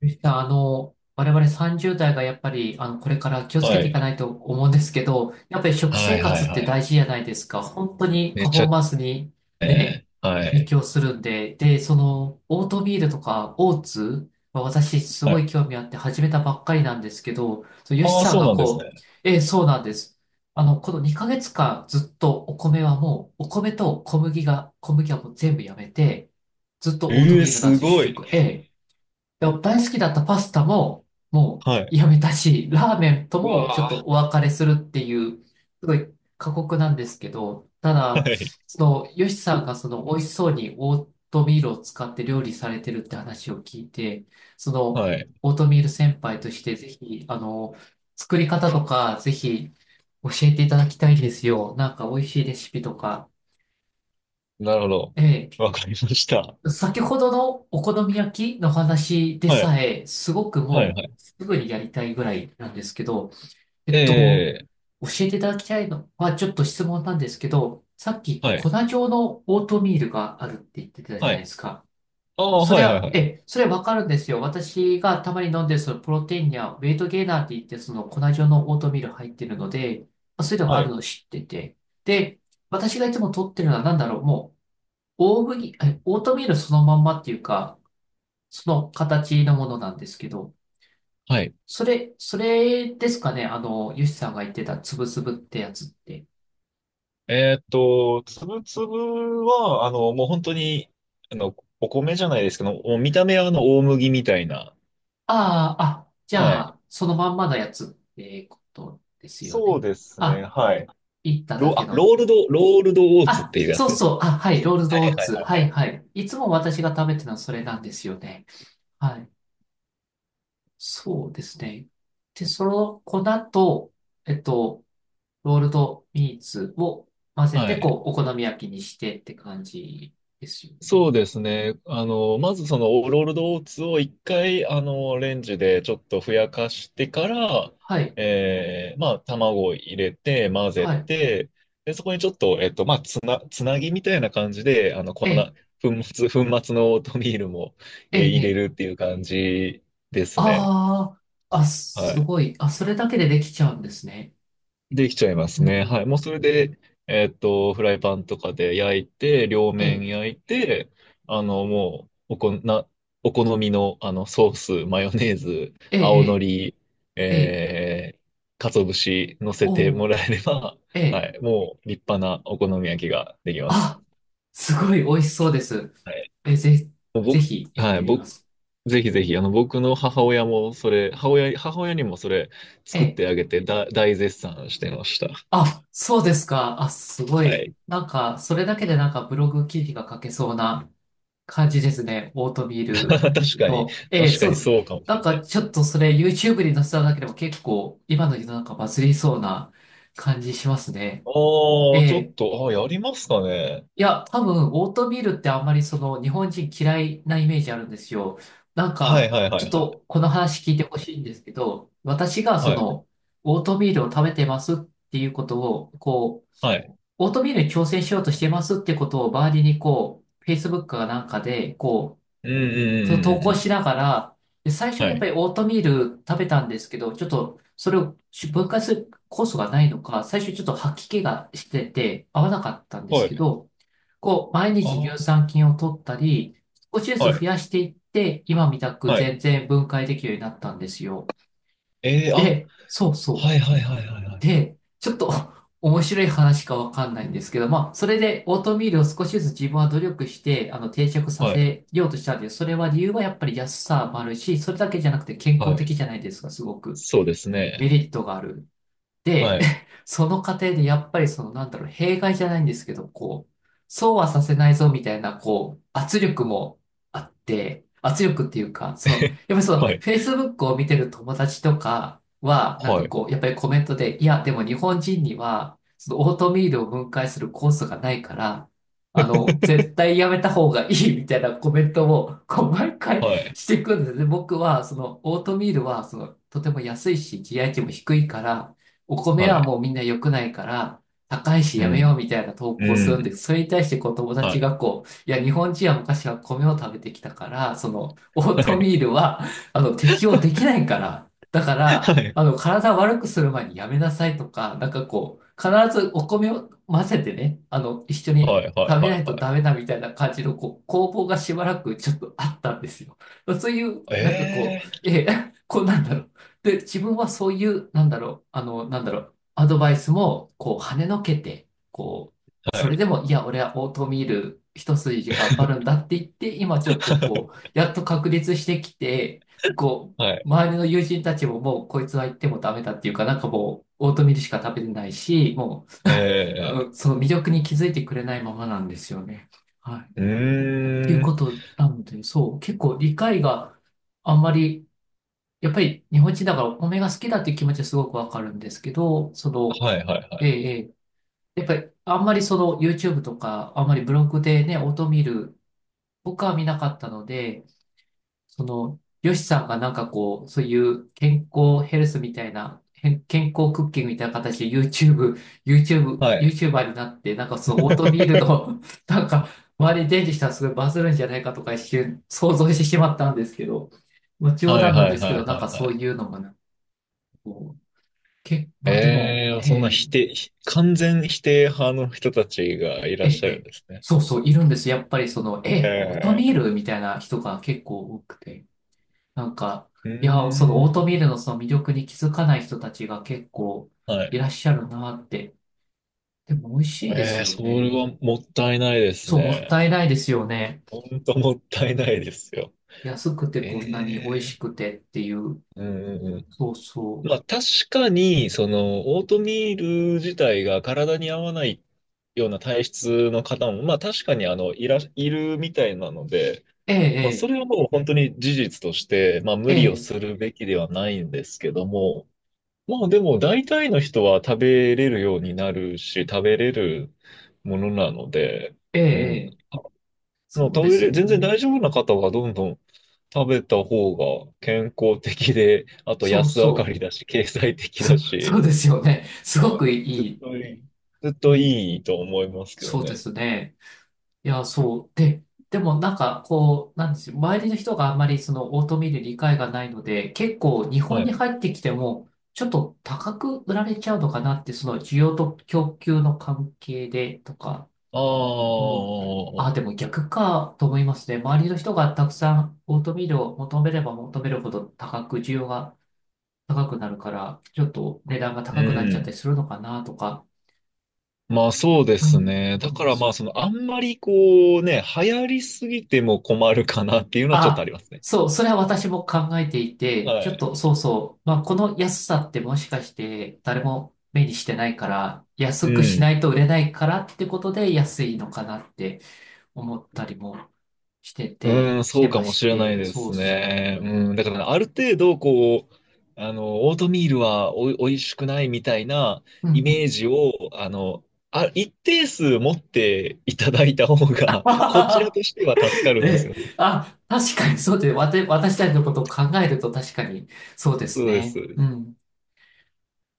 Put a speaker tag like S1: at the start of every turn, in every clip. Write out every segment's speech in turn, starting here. S1: ゆ田さん、我々30代がやっぱり、これから気をつけ
S2: は
S1: てい
S2: い。
S1: かないと思うんですけど、やっぱり食
S2: は
S1: 生
S2: いは
S1: 活っ
S2: い
S1: て
S2: はい。
S1: 大事じゃないですか。本当に
S2: め
S1: パフ
S2: ち
S1: ォー
S2: ゃ、
S1: マンスにね、
S2: えー、は
S1: 影
S2: い。
S1: 響するんで、オートミールとかオーツは私す
S2: は
S1: ご
S2: い。
S1: い興味あって始めたばっかりなんですけど、そう、ヨシ
S2: ああ、
S1: さん
S2: そう
S1: が
S2: なんですね。
S1: こう、ええ、そうなんです。あの、この2ヶ月間ずっとお米はもう、お米と小麦が、小麦はもう全部やめて、ずっとオート
S2: え
S1: ミ
S2: え、
S1: ールなんで
S2: す
S1: すよ、主
S2: ごい。
S1: 食。で大好きだったパスタもも
S2: は
S1: う
S2: い。
S1: やめたし、ラーメンと
S2: う
S1: もちょっ
S2: わ
S1: とお別れするっていう、すごい過酷なんですけど、た
S2: あ。
S1: だ、
S2: はい。
S1: ヨシさんがその、美味しそうにオートミールを使って料理されてるって話を聞いて、その、
S2: はい。
S1: オートミール先輩としてぜひ、作り方とか、ぜひ、教えていただきたいんですよ。なんか美味しいレシピとか。
S2: なるほど。
S1: ええ、
S2: わかりました。
S1: 先ほどのお好み焼きの話で
S2: はい。
S1: さえ、すごく
S2: はいは
S1: も
S2: い。
S1: う、すぐにやりたいぐらいなんですけど、えっと、
S2: ええ、
S1: 教えていただきたいのは、ちょっと質問なんですけど、さっき
S2: はい。
S1: 粉状のオートミールがあるって言ってたじゃ
S2: は
S1: ないで
S2: い。
S1: すか。
S2: ああ、
S1: そ
S2: は
S1: れ
S2: いはい
S1: は、
S2: はい。
S1: それはわかるんですよ。私がたまに飲んでるそのプロテインやウェイトゲーナーって言って、その粉状のオートミール入ってるので、まあそういうのがあ
S2: は
S1: る
S2: い。
S1: のを知ってて。で、私がいつも取ってるのは何だろう。もう大麦、オートミールそのまんまっていうか、その形のものなんですけど、
S2: はい。
S1: それですかね、あの、ヨシさんが言ってたつぶつぶってやつって。
S2: つぶつぶは、もう本当に、お米じゃないですけど、もう見た目は大麦みたいな。
S1: ああ、あ、じゃ
S2: はい。
S1: あ、そのまんまのやつってことですよ
S2: そう
S1: ね。
S2: ですね。
S1: あ、
S2: はい。
S1: いっただけの。
S2: ロールドオーツっ
S1: あ、
S2: ていうやつ
S1: そう
S2: です。
S1: そう、あ、はい、ロール
S2: は
S1: ド
S2: い
S1: オー
S2: はい
S1: ツ。
S2: はい
S1: は
S2: は
S1: い、
S2: い。
S1: はい。いつも私が食べてるのはそれなんですよね。はい。そうですね。で、その粉と、えっと、ロールドミーツを混ぜ
S2: は
S1: て、
S2: い。
S1: こう、お好み焼きにしてって感じですよね。
S2: そうですね。まずそのオーロルドオーツを一回、レンジでちょっとふやかしてから、
S1: はい、
S2: まあ、卵を入れて、混ぜ
S1: はい。
S2: て、で、そこにちょっと、まあ、つなぎみたいな感じで、
S1: ええ、
S2: 粉末のオートミールも、
S1: ええ、え
S2: 入れ
S1: え。
S2: るっていう感じですね。
S1: ああ、あ、
S2: は
S1: す
S2: い。
S1: ごい。あ、それだけでできちゃうんですね。
S2: できちゃいま
S1: う
S2: す
S1: ん、
S2: ね。
S1: うん。
S2: はい。もうそれで、フライパンとかで焼いて、両
S1: え
S2: 面
S1: え、
S2: 焼いて、もう、おこ、な、お好みの、ソース、マヨネーズ、
S1: え
S2: 青の
S1: え、
S2: り、
S1: ええ、ええ、
S2: えー、鰹節乗せて
S1: お
S2: も
S1: お、
S2: らえれば、
S1: ええ。
S2: はい。もう、立派なお好み焼きができます。
S1: あ、すごい美味しそうです。
S2: はい。
S1: え、ぜ、
S2: もう
S1: ぜ
S2: 僕、
S1: ひやっ
S2: は
S1: て
S2: い。
S1: みま
S2: 僕、
S1: す。
S2: ぜひぜひ、僕の母親も、それ、母親、母親にもそれ、
S1: え
S2: 作っ
S1: え。
S2: てあげて、大絶賛してました。
S1: あ、そうですか。あ、すご
S2: は
S1: い。
S2: い。
S1: なんか、それだけでなんかブログ記事が書けそうな感じですね。オートミー ル
S2: 確かに。
S1: と。ええ、
S2: 確か
S1: そう
S2: に
S1: です。
S2: そうかもし
S1: なん
S2: れな
S1: か
S2: いで
S1: ちょ
S2: す。
S1: っとそれ YouTube に載せただけでも結構今の世の中バズりそうな感じしますね。
S2: ああ、
S1: え
S2: ちょ
S1: え。
S2: っと、やりますかね。
S1: いや、多分オートミールってあんまりその日本人嫌いなイメージあるんですよ。なん
S2: はい
S1: か
S2: はいは
S1: ちょっ
S2: いはい。
S1: とこの話聞いてほしいんですけど、私がそ
S2: はい。
S1: のオートミールを食べてますっていうことを、こう、
S2: はい。
S1: オートミールに挑戦しようとしてますってことを周りにこう、Facebook かなんかでこう、
S2: うんうんうん
S1: そ
S2: う
S1: の
S2: んう
S1: 投
S2: ん
S1: 稿
S2: う
S1: し
S2: ん。
S1: ながら、で最初は
S2: は
S1: やっぱ
S2: い。
S1: りオートミール食べたんですけど、ちょっとそれを分解する酵素がないのか、最初ちょっと吐き気がしてて合わなかったんです
S2: はい。
S1: けど、こう、毎日
S2: あ
S1: 乳酸菌を取ったり、少し
S2: あ、
S1: ず
S2: は
S1: つ
S2: い。
S1: 増やしていって、今みたく
S2: はい。
S1: 全然分解できるようになったんですよ。
S2: ええーあ、
S1: で、そうそ
S2: はいはいはいはいは
S1: う。
S2: い。
S1: で、ちょっと 面白い話かわかんないんですけど、まあ、それでオートミールを少しずつ自分は努力して、定着さ
S2: はい。
S1: せようとしたんです。それは理由はやっぱり安さもあるし、それだけじゃなくて健
S2: は
S1: 康
S2: い。
S1: 的じゃないですか、すごく。
S2: そうです
S1: メ
S2: ね。
S1: リットがある。で、
S2: はい。
S1: その過程でやっぱりそのなんだろう、弊害じゃないんですけど、こう、そうはさせないぞみたいな、こう、圧力もあって、圧力っていうか、その、や っぱりその、
S2: はい。
S1: Facebook を見てる友達とかは、なん
S2: は
S1: か
S2: い。
S1: こう、やっぱりコメントで、いや、でも日本人には、そのオートミールを分解するコースがないから、絶 対やめた方がいいみたいなコメントを、こう、毎回
S2: はい。
S1: していくんですね。僕は、その、オートミールは、その、とても安いし、GI 値も低いから、お米
S2: は
S1: は
S2: い。
S1: もうみんな良くないから、高いし
S2: う
S1: やめよう
S2: ん。
S1: みたいな投
S2: う
S1: 稿するんで
S2: ん。
S1: す。それに対してこう友
S2: は
S1: 達
S2: い。
S1: がこう、いや、日本人は昔は米を食べてきたから、その、オー
S2: は
S1: トミ
S2: い。
S1: ールは、適応できないから、だか ら、
S2: はい。
S1: 体悪くする前にやめなさいとか、なんかこう、必ずお米を混ぜてね、あの、一緒に
S2: はい。はい。
S1: 食べ
S2: は
S1: ない
S2: い
S1: と
S2: は
S1: ダ
S2: い。
S1: メだみたいな感じの、こう、攻防がしばらくちょっとあったんですよ。そういう、
S2: え
S1: なんかこう、
S2: え
S1: え、こんなんだろう。で、自分はそういう、なんだろう、アドバイスも、こう、跳ねのけて、こう、
S2: ーは
S1: それ
S2: い。
S1: でも、いや、俺はオートミール一筋で頑張るんだって言って、今ちょっとこ う、やっと確立してきて、こ
S2: は
S1: う、
S2: い。
S1: 周りの友人たちももう、こいつは言ってもダメだっていうか、なんかもう、オートミールしか食べてないし、もう、あ
S2: ええ
S1: のその魅力に気づいてくれないままなんですよね。はい。っ
S2: ーう
S1: ていう
S2: ー
S1: こ
S2: ん。
S1: となので、そう、結構理解があんまり、やっぱり日本人だからお米が好きだっていう気持ちはすごくわかるんですけど、
S2: はいはいは
S1: え
S2: い。
S1: え、ええやっぱりあんまりその YouTube とか、あんまりブログでね、音見る、僕は見なかったので、その、ヨシさんがなんかこう、そういう健康ヘルスみたいな、健康クッキングみたいな形で
S2: はい。
S1: YouTuber になって、なんかそのオートミール の、なんか周りに伝授したらすごいバズるんじゃないかとか一瞬想像してしまったんですけど、まあ冗
S2: はい
S1: 談なん
S2: は
S1: で
S2: い
S1: すけ
S2: は
S1: ど、
S2: い
S1: なん
S2: は
S1: か
S2: いは
S1: そう
S2: い。
S1: いうのがね、こうけ、まあでも、
S2: ええ、そんな否定、完全否定派の人たちがいら
S1: え
S2: っ
S1: ー
S2: しゃるん
S1: えー
S2: ですね。
S1: そうそう、いるんです。やっぱりその、オートミー
S2: ええ、
S1: ルみたいな人が結構多くて。なんか、
S2: う
S1: いや、その
S2: ー
S1: オート
S2: ん。
S1: ミールのその魅力に気づかない人たちが結構
S2: は
S1: い
S2: い。
S1: らっしゃるなって。でも美味しいで
S2: え
S1: す
S2: え、
S1: よ
S2: それ
S1: ね。
S2: はもったいないです
S1: そう、もっ
S2: ね。
S1: たいないですよね。
S2: ほんともったいないですよ。
S1: 安くて
S2: え
S1: こんなに美味し
S2: え、
S1: くてっていう。
S2: うんうんうん。
S1: そうそう。
S2: まあ確かに、その、オートミール自体が体に合わないような体質の方も、まあ確かにいるみたいなので、まあ、そ
S1: ええ
S2: れはもう本当に事実として、まあ、無理を
S1: え
S2: す
S1: え
S2: るべきではないんですけども、まあ、でも大体の人は食べれるようになるし、食べれるものなので、
S1: ええ
S2: う
S1: え
S2: ん。
S1: え、
S2: まあもう
S1: そう
S2: 食
S1: で
S2: べ
S1: す
S2: れ、
S1: よ
S2: 全然
S1: ね。
S2: 大丈夫な方はどんどん食べた方が健康的で、あと
S1: そう
S2: 安上が
S1: そう。
S2: りだし、経済的
S1: そ
S2: だ
S1: う、そ
S2: し、
S1: うですよね。すご
S2: はい。
S1: くい
S2: ずっ
S1: い。
S2: といい。ずっ
S1: う
S2: と
S1: ん、
S2: いいと思いますけど
S1: そうで
S2: ね。
S1: すね。いや、そう。でもなんか、こう、なんですよ。周りの人があんまりそのオートミール理解がないので、結構日
S2: は
S1: 本に
S2: い。
S1: 入ってきても、ちょっと高く売られちゃうのかなって、その需要と供給の関係でとか
S2: あ
S1: 思った。あ、で
S2: あ、
S1: も逆かと思いますね。周りの人がたくさんオートミールを求めれば求めるほど高く、需要が高くなるから、ちょっと値段が
S2: う
S1: 高くなっちゃったり
S2: ん。
S1: するのかなとか、
S2: まあそうで
S1: う
S2: す
S1: ん、
S2: ね。
S1: 思
S2: だ
S1: い
S2: か
S1: ま
S2: らま
S1: す。
S2: ああんまりこうね、流行りすぎても困るかなっていうのはちょっとあ
S1: あ、
S2: りますね。
S1: そう、それは私も考えていて、ちょ
S2: は
S1: っと
S2: い。
S1: そうそう、まあ、この安さってもしかして誰も目にしてないから、
S2: う
S1: 安くし
S2: ん。
S1: ないと売れないからってことで安いのかなって思ったりもしてて、
S2: うん、
S1: し
S2: そ
S1: て
S2: うか
S1: ま
S2: も
S1: し
S2: しれない
S1: て、
S2: で
S1: そう
S2: す
S1: そ
S2: ね。うん。だからある程度こう、オートミールはおいしくないみたいな
S1: う。うん
S2: イ
S1: う
S2: メー
S1: ん。
S2: ジを、あの、一定数持っていただいた方が、こちら としては助かるんです
S1: え
S2: よね。
S1: え、あ、確かにそうで、私たちのことを考えると確かにそうです
S2: そうです、
S1: ね。
S2: そうで
S1: う
S2: す。
S1: ん。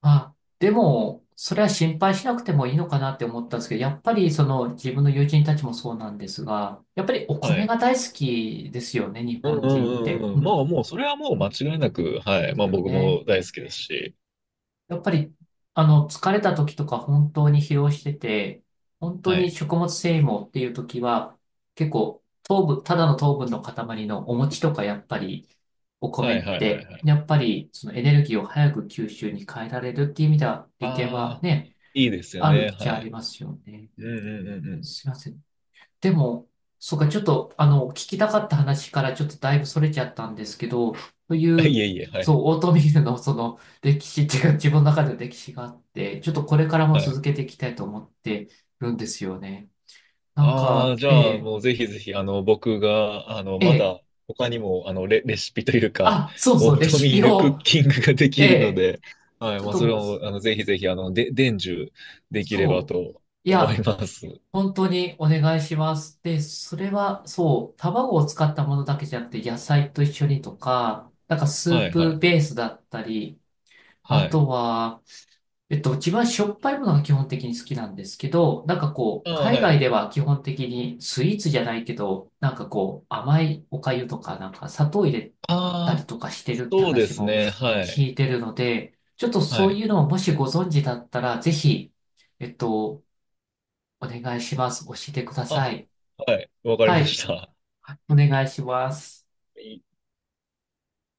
S1: あ、でも、それは心配しなくてもいいのかなって思ったんですけど、やっぱりその自分の友人たちもそうなんですが、やっぱりお
S2: は
S1: 米が
S2: い。
S1: 大好きですよね、日
S2: うん
S1: 本
S2: う
S1: 人っ
S2: んう
S1: て。
S2: んう
S1: う
S2: ん。ま
S1: ん。
S2: あもう、それはもう間違いなく、は
S1: で
S2: い。ま
S1: す
S2: あ
S1: よ
S2: 僕
S1: ね。
S2: も大好きですし。
S1: やっぱり、疲れた時とか本当に疲労してて、本当
S2: は
S1: に
S2: い。
S1: 食物繊維もっていう時は、結構糖分、ただの糖分の塊のお餅とかやっぱり、お
S2: は
S1: 米
S2: い
S1: っ
S2: はいはい
S1: て、
S2: はい。
S1: やっぱりそのエネルギーを早く吸収に変えられるっていう意味では、利点は
S2: ああ、
S1: ね、
S2: いいですよ
S1: ある
S2: ね。
S1: っち
S2: は
S1: ゃあり
S2: い。
S1: ますよね。
S2: うんうんうんうん。
S1: すいません。でも、そうか、ちょっと、聞きたかった話からちょっとだいぶそれちゃったんですけど、そう い
S2: い
S1: う、
S2: えいえ、は
S1: そ
S2: い。
S1: う、オートミールのその歴史っていうか、自分の中での歴史があって、ちょっとこれからも
S2: はい。
S1: 続けていきたいと思ってるんですよね。なん
S2: ああ、
S1: か、
S2: じ
S1: え
S2: ゃあ、
S1: え、
S2: もうぜひぜひ、僕が、
S1: え
S2: ま
S1: え、
S2: だ、他にも、レシピというか、
S1: あ、そう
S2: オ
S1: そう、
S2: ー
S1: レ
S2: ト
S1: シ
S2: ミー
S1: ピ
S2: ルクッ
S1: を、
S2: キングがで
S1: え
S2: きるの
S1: え、
S2: で、はい。
S1: ちょっ
S2: まあ、
S1: と
S2: それ
S1: もう、
S2: を、ぜひぜひ、で、伝授できれば
S1: そう、
S2: と
S1: い
S2: 思い
S1: や、
S2: ます。
S1: 本当にお願いします。で、それは、そう、卵を使ったものだけじゃなくて、野菜と一緒にとか、なんかス
S2: は
S1: ー
S2: いはい
S1: プ
S2: は
S1: ベー
S2: い。
S1: スだったり、あ
S2: は
S1: と
S2: い。
S1: は、自分はしょっぱいものが基本的に好きなんですけど、なんかこう、
S2: ああ、
S1: 海
S2: は
S1: 外
S2: い。
S1: では基本的にスイーツじゃないけど、なんかこう、甘いお粥とか、なんか砂糖入れたり
S2: ああ、
S1: とかしてるって
S2: そうで
S1: 話
S2: す
S1: も
S2: ね。はい。
S1: 聞いてるので、ちょっと
S2: は
S1: そう
S2: い。
S1: いうのをもしご存知だったら、ぜひ、えっと、お願いします。教えてくだ
S2: あ、
S1: さい。
S2: はい。わかり
S1: は
S2: ま
S1: い。
S2: した。
S1: はい、お願いします。
S2: い